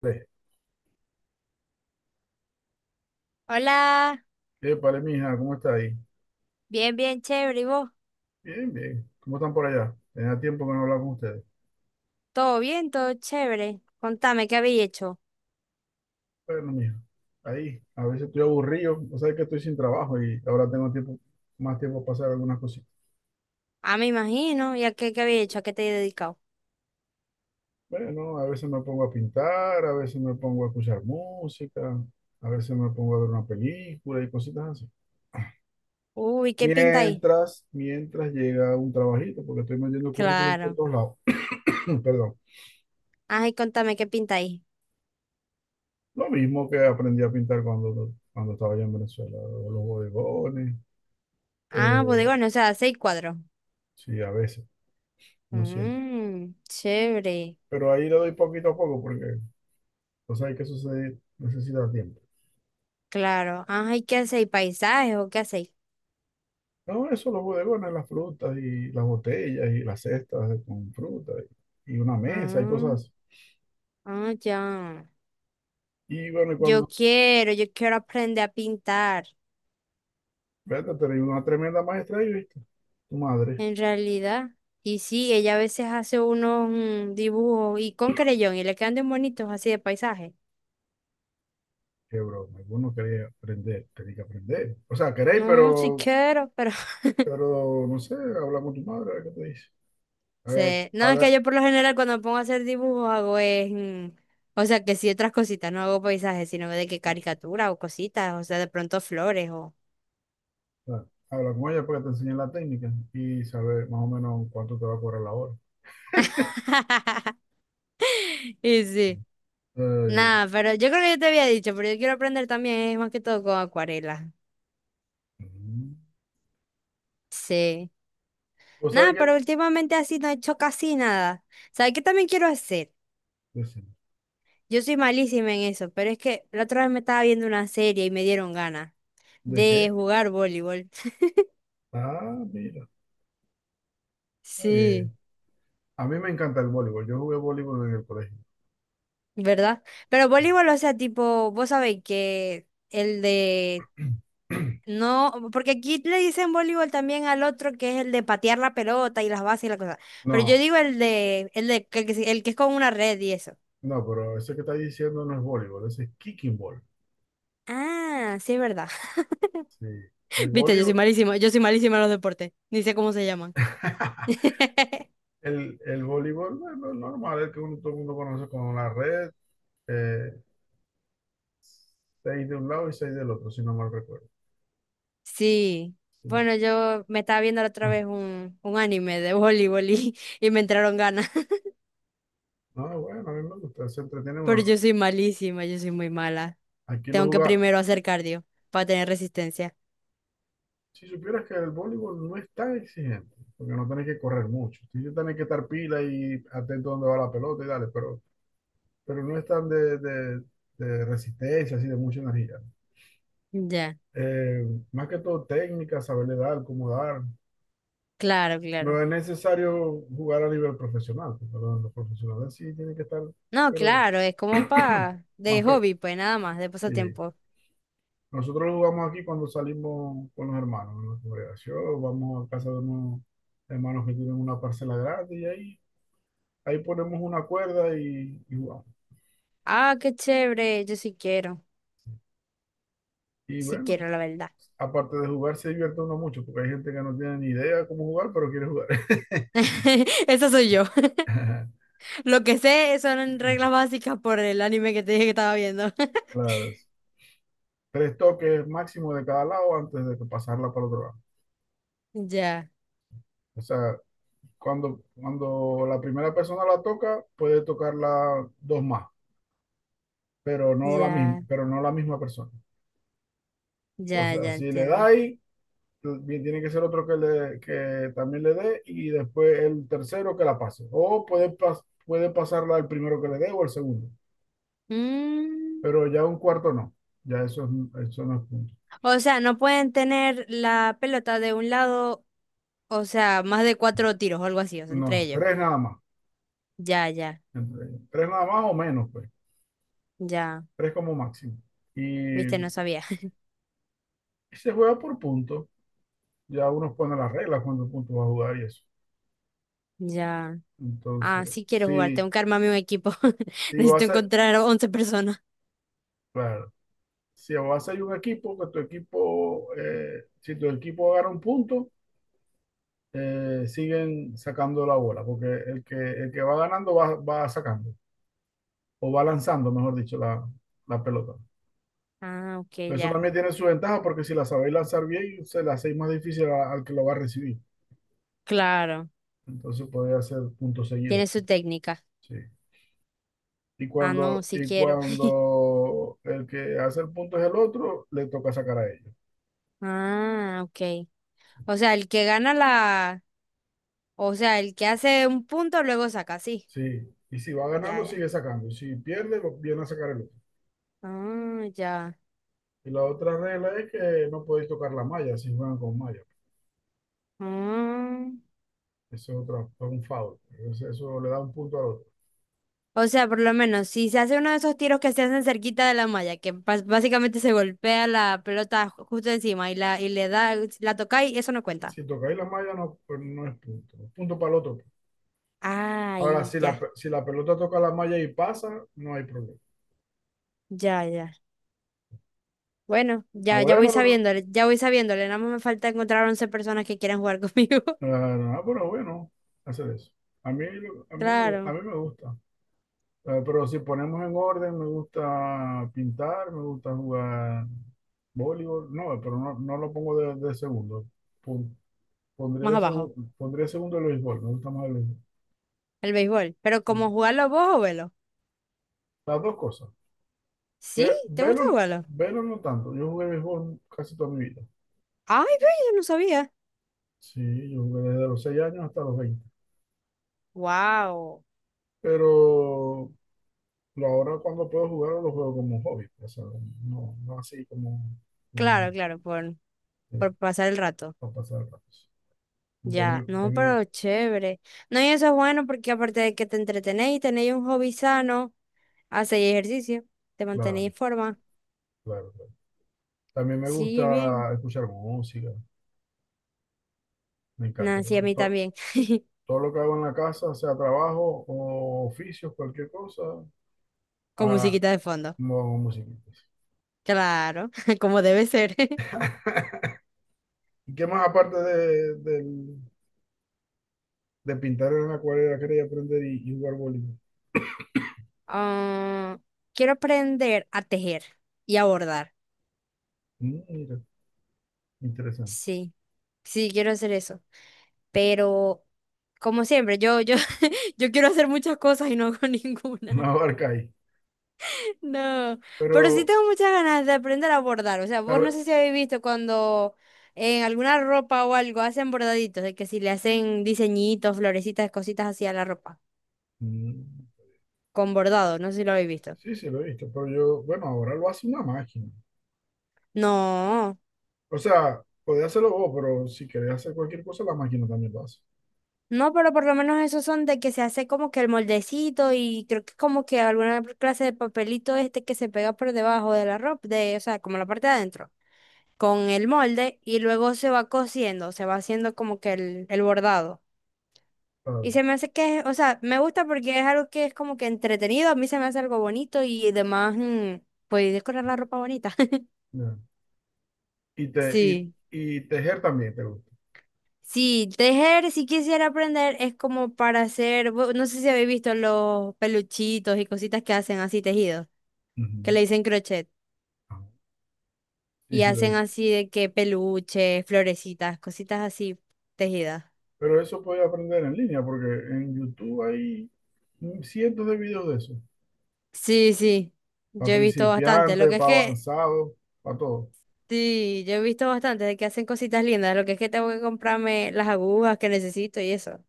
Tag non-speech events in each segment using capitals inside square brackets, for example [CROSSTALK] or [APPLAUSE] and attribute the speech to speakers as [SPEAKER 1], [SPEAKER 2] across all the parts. [SPEAKER 1] Tres.
[SPEAKER 2] Hola,
[SPEAKER 1] Épale, mija, ¿cómo está ahí?
[SPEAKER 2] bien, bien, chévere. ¿Y vos?
[SPEAKER 1] Bien, bien. ¿Cómo están por allá? Tenía tiempo que no hablaba con ustedes.
[SPEAKER 2] ¿Todo bien? ¿Todo chévere? Contame, ¿qué habéis hecho?
[SPEAKER 1] Bueno, mija, ahí. A veces estoy aburrido, o sea que estoy sin trabajo y ahora tengo tiempo, más tiempo para hacer algunas cositas.
[SPEAKER 2] Ah, me imagino. ¿Y qué habéis hecho? ¿A qué te he dedicado?
[SPEAKER 1] Bueno, a veces me pongo a pintar, a veces me pongo a escuchar música, a veces me pongo a ver una película y cositas así.
[SPEAKER 2] Uy, ¿qué pintáis?
[SPEAKER 1] Mientras llega un trabajito, porque estoy metiendo currículum por
[SPEAKER 2] Claro.
[SPEAKER 1] todos lados. [CLEARS THROAT] Perdón.
[SPEAKER 2] Ay, contame, ¿qué pintáis?
[SPEAKER 1] Lo mismo que aprendí a pintar cuando estaba allá en Venezuela, los bodegones.
[SPEAKER 2] Ah,
[SPEAKER 1] eh,
[SPEAKER 2] bodegones, o sea, seis cuadros.
[SPEAKER 1] Sí, a veces, no siempre.
[SPEAKER 2] Mmm, chévere.
[SPEAKER 1] Pero ahí le doy poquito a poco porque, o sea, hay que suceder, necesita tiempo.
[SPEAKER 2] Claro. Ajá, ¿y qué hacéis? ¿Paisajes o qué hacéis?
[SPEAKER 1] No, eso, los bodegones, las frutas y las botellas y las cestas con fruta y una mesa y cosas
[SPEAKER 2] Ah,
[SPEAKER 1] así.
[SPEAKER 2] ah, ya.
[SPEAKER 1] Y bueno,
[SPEAKER 2] Yo quiero, yo quiero aprender a pintar.
[SPEAKER 1] fíjate, tenés una tremenda maestra ahí, ¿viste? Tu madre,
[SPEAKER 2] En realidad, y sí, ella a veces hace unos dibujos y con creyón y le quedan bien bonitos así de paisaje.
[SPEAKER 1] qué broma. Vos no quería aprender, tenía que aprender. O sea, queréis,
[SPEAKER 2] No, si
[SPEAKER 1] pero,
[SPEAKER 2] quiero, pero [LAUGHS]
[SPEAKER 1] no sé, habla con tu madre, a ver qué te dice. Haga-
[SPEAKER 2] sé. No, es que
[SPEAKER 1] haga-
[SPEAKER 2] yo por lo general cuando me pongo a hacer dibujos hago es, o sea, que sí otras cositas, no hago paisajes, sino de que caricatura o cositas, o sea, de pronto flores o.
[SPEAKER 1] habla con ella para que te enseñe la técnica y saber más o menos cuánto te va a cobrar la hora.
[SPEAKER 2] [LAUGHS] Y sí.
[SPEAKER 1] Eh,
[SPEAKER 2] Nada, pero yo creo que yo te había dicho, pero yo quiero aprender también, es más que todo con acuarela.
[SPEAKER 1] Mm.
[SPEAKER 2] Sí.
[SPEAKER 1] ¿Vos
[SPEAKER 2] Nada,
[SPEAKER 1] sabés qué?
[SPEAKER 2] pero últimamente así no he hecho casi nada. ¿Sabes qué también quiero hacer?
[SPEAKER 1] Decime.
[SPEAKER 2] Yo soy malísima en eso, pero es que la otra vez me estaba viendo una serie y me dieron ganas
[SPEAKER 1] ¿De
[SPEAKER 2] de
[SPEAKER 1] qué?
[SPEAKER 2] jugar voleibol. [LAUGHS]
[SPEAKER 1] Ah, mira, está
[SPEAKER 2] Sí,
[SPEAKER 1] bien. A mí me encanta el voleibol. Yo jugué voleibol en el colegio.
[SPEAKER 2] ¿verdad? Pero voleibol, o sea, tipo, vos sabéis que el de.
[SPEAKER 1] [CLEARS THROAT]
[SPEAKER 2] No, porque aquí le dicen voleibol también al otro que es el de patear la pelota y las bases y la cosa. Pero yo
[SPEAKER 1] No,
[SPEAKER 2] digo el que es con una red y eso.
[SPEAKER 1] no, pero eso que estás diciendo no es voleibol, ese es kicking ball.
[SPEAKER 2] Ah, sí, es verdad.
[SPEAKER 1] Sí. El
[SPEAKER 2] [LAUGHS] Viste,
[SPEAKER 1] voleibol,
[SPEAKER 2] yo soy malísima en los deportes. Ni sé cómo se llaman.
[SPEAKER 1] [LAUGHS]
[SPEAKER 2] [LAUGHS]
[SPEAKER 1] el voleibol, bueno, normal, el que uno, todo el mundo conoce con la red, eh, seis de un lado y seis del otro, si no mal recuerdo.
[SPEAKER 2] Sí,
[SPEAKER 1] Sí.
[SPEAKER 2] bueno, yo me estaba viendo la otra vez
[SPEAKER 1] [CLEARS THROAT]
[SPEAKER 2] un anime de voleibol y, [LAUGHS] y me entraron ganas, [LAUGHS]
[SPEAKER 1] No, bueno, a mí me gusta, se entretiene
[SPEAKER 2] pero yo
[SPEAKER 1] uno.
[SPEAKER 2] soy malísima, yo soy muy mala.
[SPEAKER 1] Aquí lo
[SPEAKER 2] Tengo que
[SPEAKER 1] jugaba.
[SPEAKER 2] primero hacer cardio para tener resistencia.
[SPEAKER 1] Si supieras que el voleibol no es tan exigente, porque no tienes que correr mucho. Sí, yo tenés que estar pila y atento a dónde va la pelota y dale, pero, no es tan de resistencia, así de mucha energía.
[SPEAKER 2] Ya,
[SPEAKER 1] Eh, Más que todo técnica, saberle dar, cómo dar.
[SPEAKER 2] claro, claro.
[SPEAKER 1] No es necesario jugar a nivel profesional, porque los profesionales sí tienen que estar,
[SPEAKER 2] No,
[SPEAKER 1] pero
[SPEAKER 2] claro, es como
[SPEAKER 1] [CLEARS THROAT]
[SPEAKER 2] pa de
[SPEAKER 1] más,
[SPEAKER 2] hobby, pues nada más, de
[SPEAKER 1] sí.
[SPEAKER 2] pasatiempo.
[SPEAKER 1] Nosotros lo jugamos aquí cuando salimos con los hermanos, en la congregación, vamos a casa de unos hermanos que tienen una parcela grande y ahí ponemos una cuerda y jugamos.
[SPEAKER 2] Ah, qué chévere, yo
[SPEAKER 1] Y
[SPEAKER 2] sí
[SPEAKER 1] bueno,
[SPEAKER 2] quiero, la verdad.
[SPEAKER 1] aparte de jugar se divierte uno mucho, porque hay gente que no tiene ni idea cómo jugar, pero quiere jugar.
[SPEAKER 2] [LAUGHS] Eso soy yo.
[SPEAKER 1] [LAUGHS]
[SPEAKER 2] [LAUGHS] Lo que sé son reglas básicas por el anime que te dije que estaba viendo. [LAUGHS]
[SPEAKER 1] Las tres toques máximo de cada lado antes de que pasarla para otro lado.
[SPEAKER 2] Ya,
[SPEAKER 1] O sea, cuando la primera persona la toca, puede tocarla dos más,
[SPEAKER 2] ya,
[SPEAKER 1] pero no la misma persona. O
[SPEAKER 2] ya,
[SPEAKER 1] sea,
[SPEAKER 2] ya
[SPEAKER 1] si le
[SPEAKER 2] entiendo.
[SPEAKER 1] dais bien, tiene que ser otro que también le dé y después el tercero que la pase. O puede pasarla al primero que le dé o al segundo,
[SPEAKER 2] Mm,
[SPEAKER 1] pero ya un cuarto no. Ya eso, eso no es punto.
[SPEAKER 2] O sea, no pueden tener la pelota de un lado, o sea, más de cuatro tiros o algo así, o sea, entre
[SPEAKER 1] No,
[SPEAKER 2] ellos.
[SPEAKER 1] tres nada más.
[SPEAKER 2] Ya, ya,
[SPEAKER 1] Tres nada más o menos, pues.
[SPEAKER 2] ya.
[SPEAKER 1] Tres como máximo.
[SPEAKER 2] Viste,
[SPEAKER 1] Y
[SPEAKER 2] no sabía. [LAUGHS]
[SPEAKER 1] se juega por puntos. Ya uno pone las reglas cuántos puntos va a jugar y eso.
[SPEAKER 2] Ya. Ah,
[SPEAKER 1] Entonces,
[SPEAKER 2] sí quiero jugar,
[SPEAKER 1] si,
[SPEAKER 2] tengo que armarme un equipo. [LAUGHS]
[SPEAKER 1] si
[SPEAKER 2] Necesito
[SPEAKER 1] vas a,
[SPEAKER 2] encontrar 11 personas.
[SPEAKER 1] claro, si vas a ir un equipo, que tu equipo, si tu equipo gana un punto, siguen sacando la bola, porque el que va ganando va sacando, o va lanzando, mejor dicho, la pelota.
[SPEAKER 2] Ah, ok,
[SPEAKER 1] Eso
[SPEAKER 2] ya.
[SPEAKER 1] también tiene su ventaja, porque si la sabéis lanzar bien, se la hacéis más difícil a- al que lo va a recibir.
[SPEAKER 2] Claro.
[SPEAKER 1] Entonces podéis hacer puntos seguidos.
[SPEAKER 2] Tiene su técnica.
[SPEAKER 1] Sí. Y
[SPEAKER 2] Ah, no,
[SPEAKER 1] cuando,
[SPEAKER 2] sí
[SPEAKER 1] y
[SPEAKER 2] quiero. [LAUGHS]
[SPEAKER 1] cuando el que hace el punto es el otro, le toca sacar a ellos.
[SPEAKER 2] Ah, ok. O sea, el que gana la. O sea, el que hace un punto luego saca, sí.
[SPEAKER 1] Sí. Y si va
[SPEAKER 2] Ya,
[SPEAKER 1] ganando,
[SPEAKER 2] ya.
[SPEAKER 1] sigue sacando. Si pierde, lo viene a sacar el otro.
[SPEAKER 2] Ah, ya.
[SPEAKER 1] Y la otra regla es que no podéis tocar la malla si juegan con malla.
[SPEAKER 2] Ah.
[SPEAKER 1] Eso es otro, es un foul. Entonces, eso le da un punto al otro.
[SPEAKER 2] O sea, por lo menos, si se hace uno de esos tiros que se hacen cerquita de la malla, que básicamente se golpea la pelota justo encima y la y le da, si la toca y eso no cuenta.
[SPEAKER 1] Si tocáis la malla, no, pues no es punto. Es punto para el otro. Ahora,
[SPEAKER 2] Ay,
[SPEAKER 1] si la,
[SPEAKER 2] ya,
[SPEAKER 1] si la pelota toca la malla y pasa, no hay problema.
[SPEAKER 2] ya, ya. Bueno,
[SPEAKER 1] Ah,
[SPEAKER 2] ya, ya voy
[SPEAKER 1] bueno, pero,
[SPEAKER 2] sabiéndole, ya voy sabiéndole. Nada más me falta encontrar 11 personas que quieran jugar conmigo.
[SPEAKER 1] eh,
[SPEAKER 2] [LAUGHS]
[SPEAKER 1] pero bueno, hacer eso. A mí, a mí, a
[SPEAKER 2] Claro,
[SPEAKER 1] mí me gusta. Pero si ponemos en orden, me gusta pintar, me gusta jugar voleibol. No, pero no lo pongo de segundo. Pon- Pondría
[SPEAKER 2] más
[SPEAKER 1] de
[SPEAKER 2] abajo,
[SPEAKER 1] segundo, pondría segundo el béisbol. Me gusta más el béisbol.
[SPEAKER 2] el béisbol. Pero cómo
[SPEAKER 1] Sí.
[SPEAKER 2] jugarlo vos o velo.
[SPEAKER 1] Las dos cosas.
[SPEAKER 2] ¿Sí?
[SPEAKER 1] Ve-
[SPEAKER 2] ¿Te gusta
[SPEAKER 1] Velo,
[SPEAKER 2] jugarlo?
[SPEAKER 1] velo no tanto. Yo jugué béisbol casi toda mi vida.
[SPEAKER 2] Ay, ve, yo no sabía.
[SPEAKER 1] Sí, yo jugué desde los 6 años hasta los 20.
[SPEAKER 2] Wow.
[SPEAKER 1] Pero ahora cuando puedo jugar lo juego como hobby, pues. O sea, no, no así como, como,
[SPEAKER 2] Claro, claro, por,
[SPEAKER 1] eh,
[SPEAKER 2] por pasar el rato.
[SPEAKER 1] para pasar el rato. Y
[SPEAKER 2] Ya,
[SPEAKER 1] También,
[SPEAKER 2] no,
[SPEAKER 1] también,
[SPEAKER 2] pero chévere. No, y eso es bueno porque aparte de que te entretenéis, tenéis un hobby sano, hacéis ejercicio, te mantenéis
[SPEAKER 1] claro,
[SPEAKER 2] en forma.
[SPEAKER 1] claro, claro. También me
[SPEAKER 2] Sí, bien.
[SPEAKER 1] gusta escuchar música. Me encanta,
[SPEAKER 2] Nah, sí, a
[SPEAKER 1] porque
[SPEAKER 2] mí también. [LAUGHS]
[SPEAKER 1] todo lo que hago en la casa, sea trabajo o oficios, cualquier cosa,
[SPEAKER 2] Con
[SPEAKER 1] a,
[SPEAKER 2] musiquita de fondo.
[SPEAKER 1] no hago musiquitas.
[SPEAKER 2] Claro, [LAUGHS] como debe ser. [LAUGHS]
[SPEAKER 1] ¿Y qué más aparte del de pintar en la acuarela quería aprender y jugar voleibol.
[SPEAKER 2] Ah, quiero aprender a tejer y a bordar.
[SPEAKER 1] Mm, mira, interesante. [LAUGHS]
[SPEAKER 2] Sí, sí, quiero hacer eso. Pero, como siempre, [LAUGHS] yo quiero hacer muchas cosas y no hago [LAUGHS]
[SPEAKER 1] No
[SPEAKER 2] ninguna.
[SPEAKER 1] abarca ahí.
[SPEAKER 2] No, pero sí
[SPEAKER 1] Pero,
[SPEAKER 2] tengo muchas ganas de aprender a bordar. O sea,
[SPEAKER 1] a
[SPEAKER 2] vos no
[SPEAKER 1] ver,
[SPEAKER 2] sé si habéis visto cuando en alguna ropa o algo hacen bordaditos, de que si le hacen diseñitos, florecitas, cositas así a la ropa,
[SPEAKER 1] mm,
[SPEAKER 2] con bordado, no sé si lo habéis visto.
[SPEAKER 1] sí, sí, lo he visto, pero yo, bueno, ahora lo hace una máquina.
[SPEAKER 2] No,
[SPEAKER 1] O sea, podés hacerlo vos, pero si querés hacer cualquier cosa, la máquina también lo hace.
[SPEAKER 2] no, pero por lo menos esos son de que se hace como que el moldecito y creo que como que alguna clase de papelito este que se pega por debajo de la ropa, de, o sea, como la parte de adentro, con el molde y luego se va cosiendo, se va haciendo como que el bordado.
[SPEAKER 1] Ah,
[SPEAKER 2] Y se me hace que, o sea, me gusta porque es algo que es como que entretenido, a mí se me hace algo bonito y además, pues decorar la ropa bonita. [LAUGHS]
[SPEAKER 1] ya. Y, te, y,
[SPEAKER 2] Sí.
[SPEAKER 1] y tejer también te gusta.
[SPEAKER 2] Sí, tejer, si quisiera aprender, es como para hacer, no sé si habéis visto los peluchitos y cositas que hacen así tejidos, que le
[SPEAKER 1] Ujú.
[SPEAKER 2] dicen crochet,
[SPEAKER 1] Ah, sí,
[SPEAKER 2] y
[SPEAKER 1] sí, lo he
[SPEAKER 2] hacen
[SPEAKER 1] visto.
[SPEAKER 2] así de que peluches, florecitas, cositas así tejidas.
[SPEAKER 1] Pero eso podés aprender en línea, porque en YouTube hay cientos de videos de eso.
[SPEAKER 2] Sí, sí,
[SPEAKER 1] Para
[SPEAKER 2] yo he visto bastante, lo
[SPEAKER 1] principiantes,
[SPEAKER 2] que es
[SPEAKER 1] para
[SPEAKER 2] que.
[SPEAKER 1] avanzados, para todo.
[SPEAKER 2] Sí, yo he visto bastante de que hacen cositas lindas, lo que es que tengo que comprarme las agujas que necesito y eso.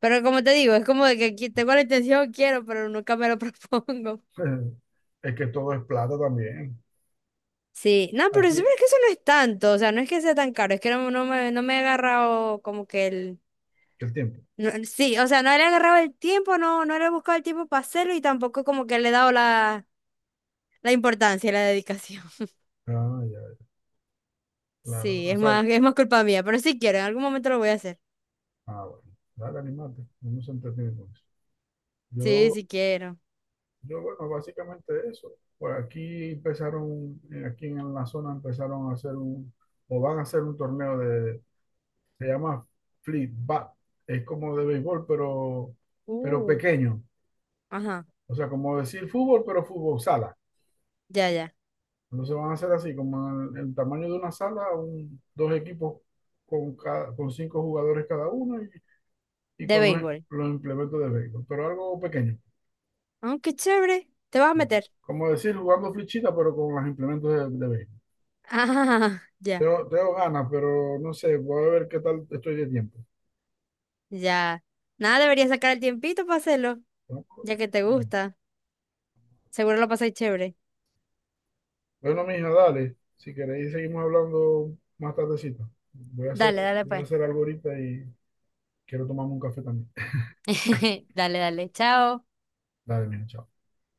[SPEAKER 2] Pero como te digo, es como de que tengo la intención, quiero, pero nunca me lo [LAUGHS] propongo.
[SPEAKER 1] [LAUGHS] Es que todo es plata también.
[SPEAKER 2] Sí, no, pero es, pero
[SPEAKER 1] Aquí,
[SPEAKER 2] es que eso no es tanto, o sea, no es que sea tan caro, es que no, no me he agarrado como que el.
[SPEAKER 1] el tiempo.
[SPEAKER 2] No, sí, o sea, no le he agarrado el tiempo, no le he buscado el tiempo para hacerlo y tampoco como que le he dado la importancia y la dedicación. [LAUGHS]
[SPEAKER 1] Ah, ya, claro.
[SPEAKER 2] Sí,
[SPEAKER 1] O sea,
[SPEAKER 2] es más culpa mía, pero sí quiero, en algún momento lo voy a hacer.
[SPEAKER 1] bueno. Dale, animate. No se entretiene con eso.
[SPEAKER 2] Sí,
[SPEAKER 1] Yo,
[SPEAKER 2] sí quiero.
[SPEAKER 1] bueno, básicamente eso. Pues aquí empezaron, aquí en la zona empezaron a hacer un, o van a hacer un torneo de, se llama Fleet Bat. Es como de béisbol, pero
[SPEAKER 2] Uh,
[SPEAKER 1] pequeño.
[SPEAKER 2] ajá.
[SPEAKER 1] O sea, como decir fútbol, pero fútbol sala.
[SPEAKER 2] Ya, ya.
[SPEAKER 1] Entonces van a ser así, como el tamaño de una sala, dos equipos con cinco jugadores cada uno y
[SPEAKER 2] De
[SPEAKER 1] con los,
[SPEAKER 2] béisbol.
[SPEAKER 1] los implementos de béisbol, pero algo pequeño.
[SPEAKER 2] Oh, qué chévere. ¿Te vas a
[SPEAKER 1] Sí.
[SPEAKER 2] meter? [LAUGHS]
[SPEAKER 1] Como decir, jugando flechita, pero con los implementos de béisbol.
[SPEAKER 2] Ah, ya,
[SPEAKER 1] Tengo ganas, pero no sé, voy a ver qué tal estoy de tiempo.
[SPEAKER 2] ya. Nada, deberías sacar el tiempito para hacerlo,
[SPEAKER 1] ¿No?
[SPEAKER 2] ya que te gusta. Seguro lo pasáis chévere.
[SPEAKER 1] Bueno, mija, dale. Si queréis, seguimos hablando más tardecito. Voy a hacer,
[SPEAKER 2] Dale, dale,
[SPEAKER 1] voy a
[SPEAKER 2] pues.
[SPEAKER 1] hacer algo ahorita y quiero tomarme un café también.
[SPEAKER 2] [LAUGHS] Dale, dale. Chao.
[SPEAKER 1] Dale, mija, chao.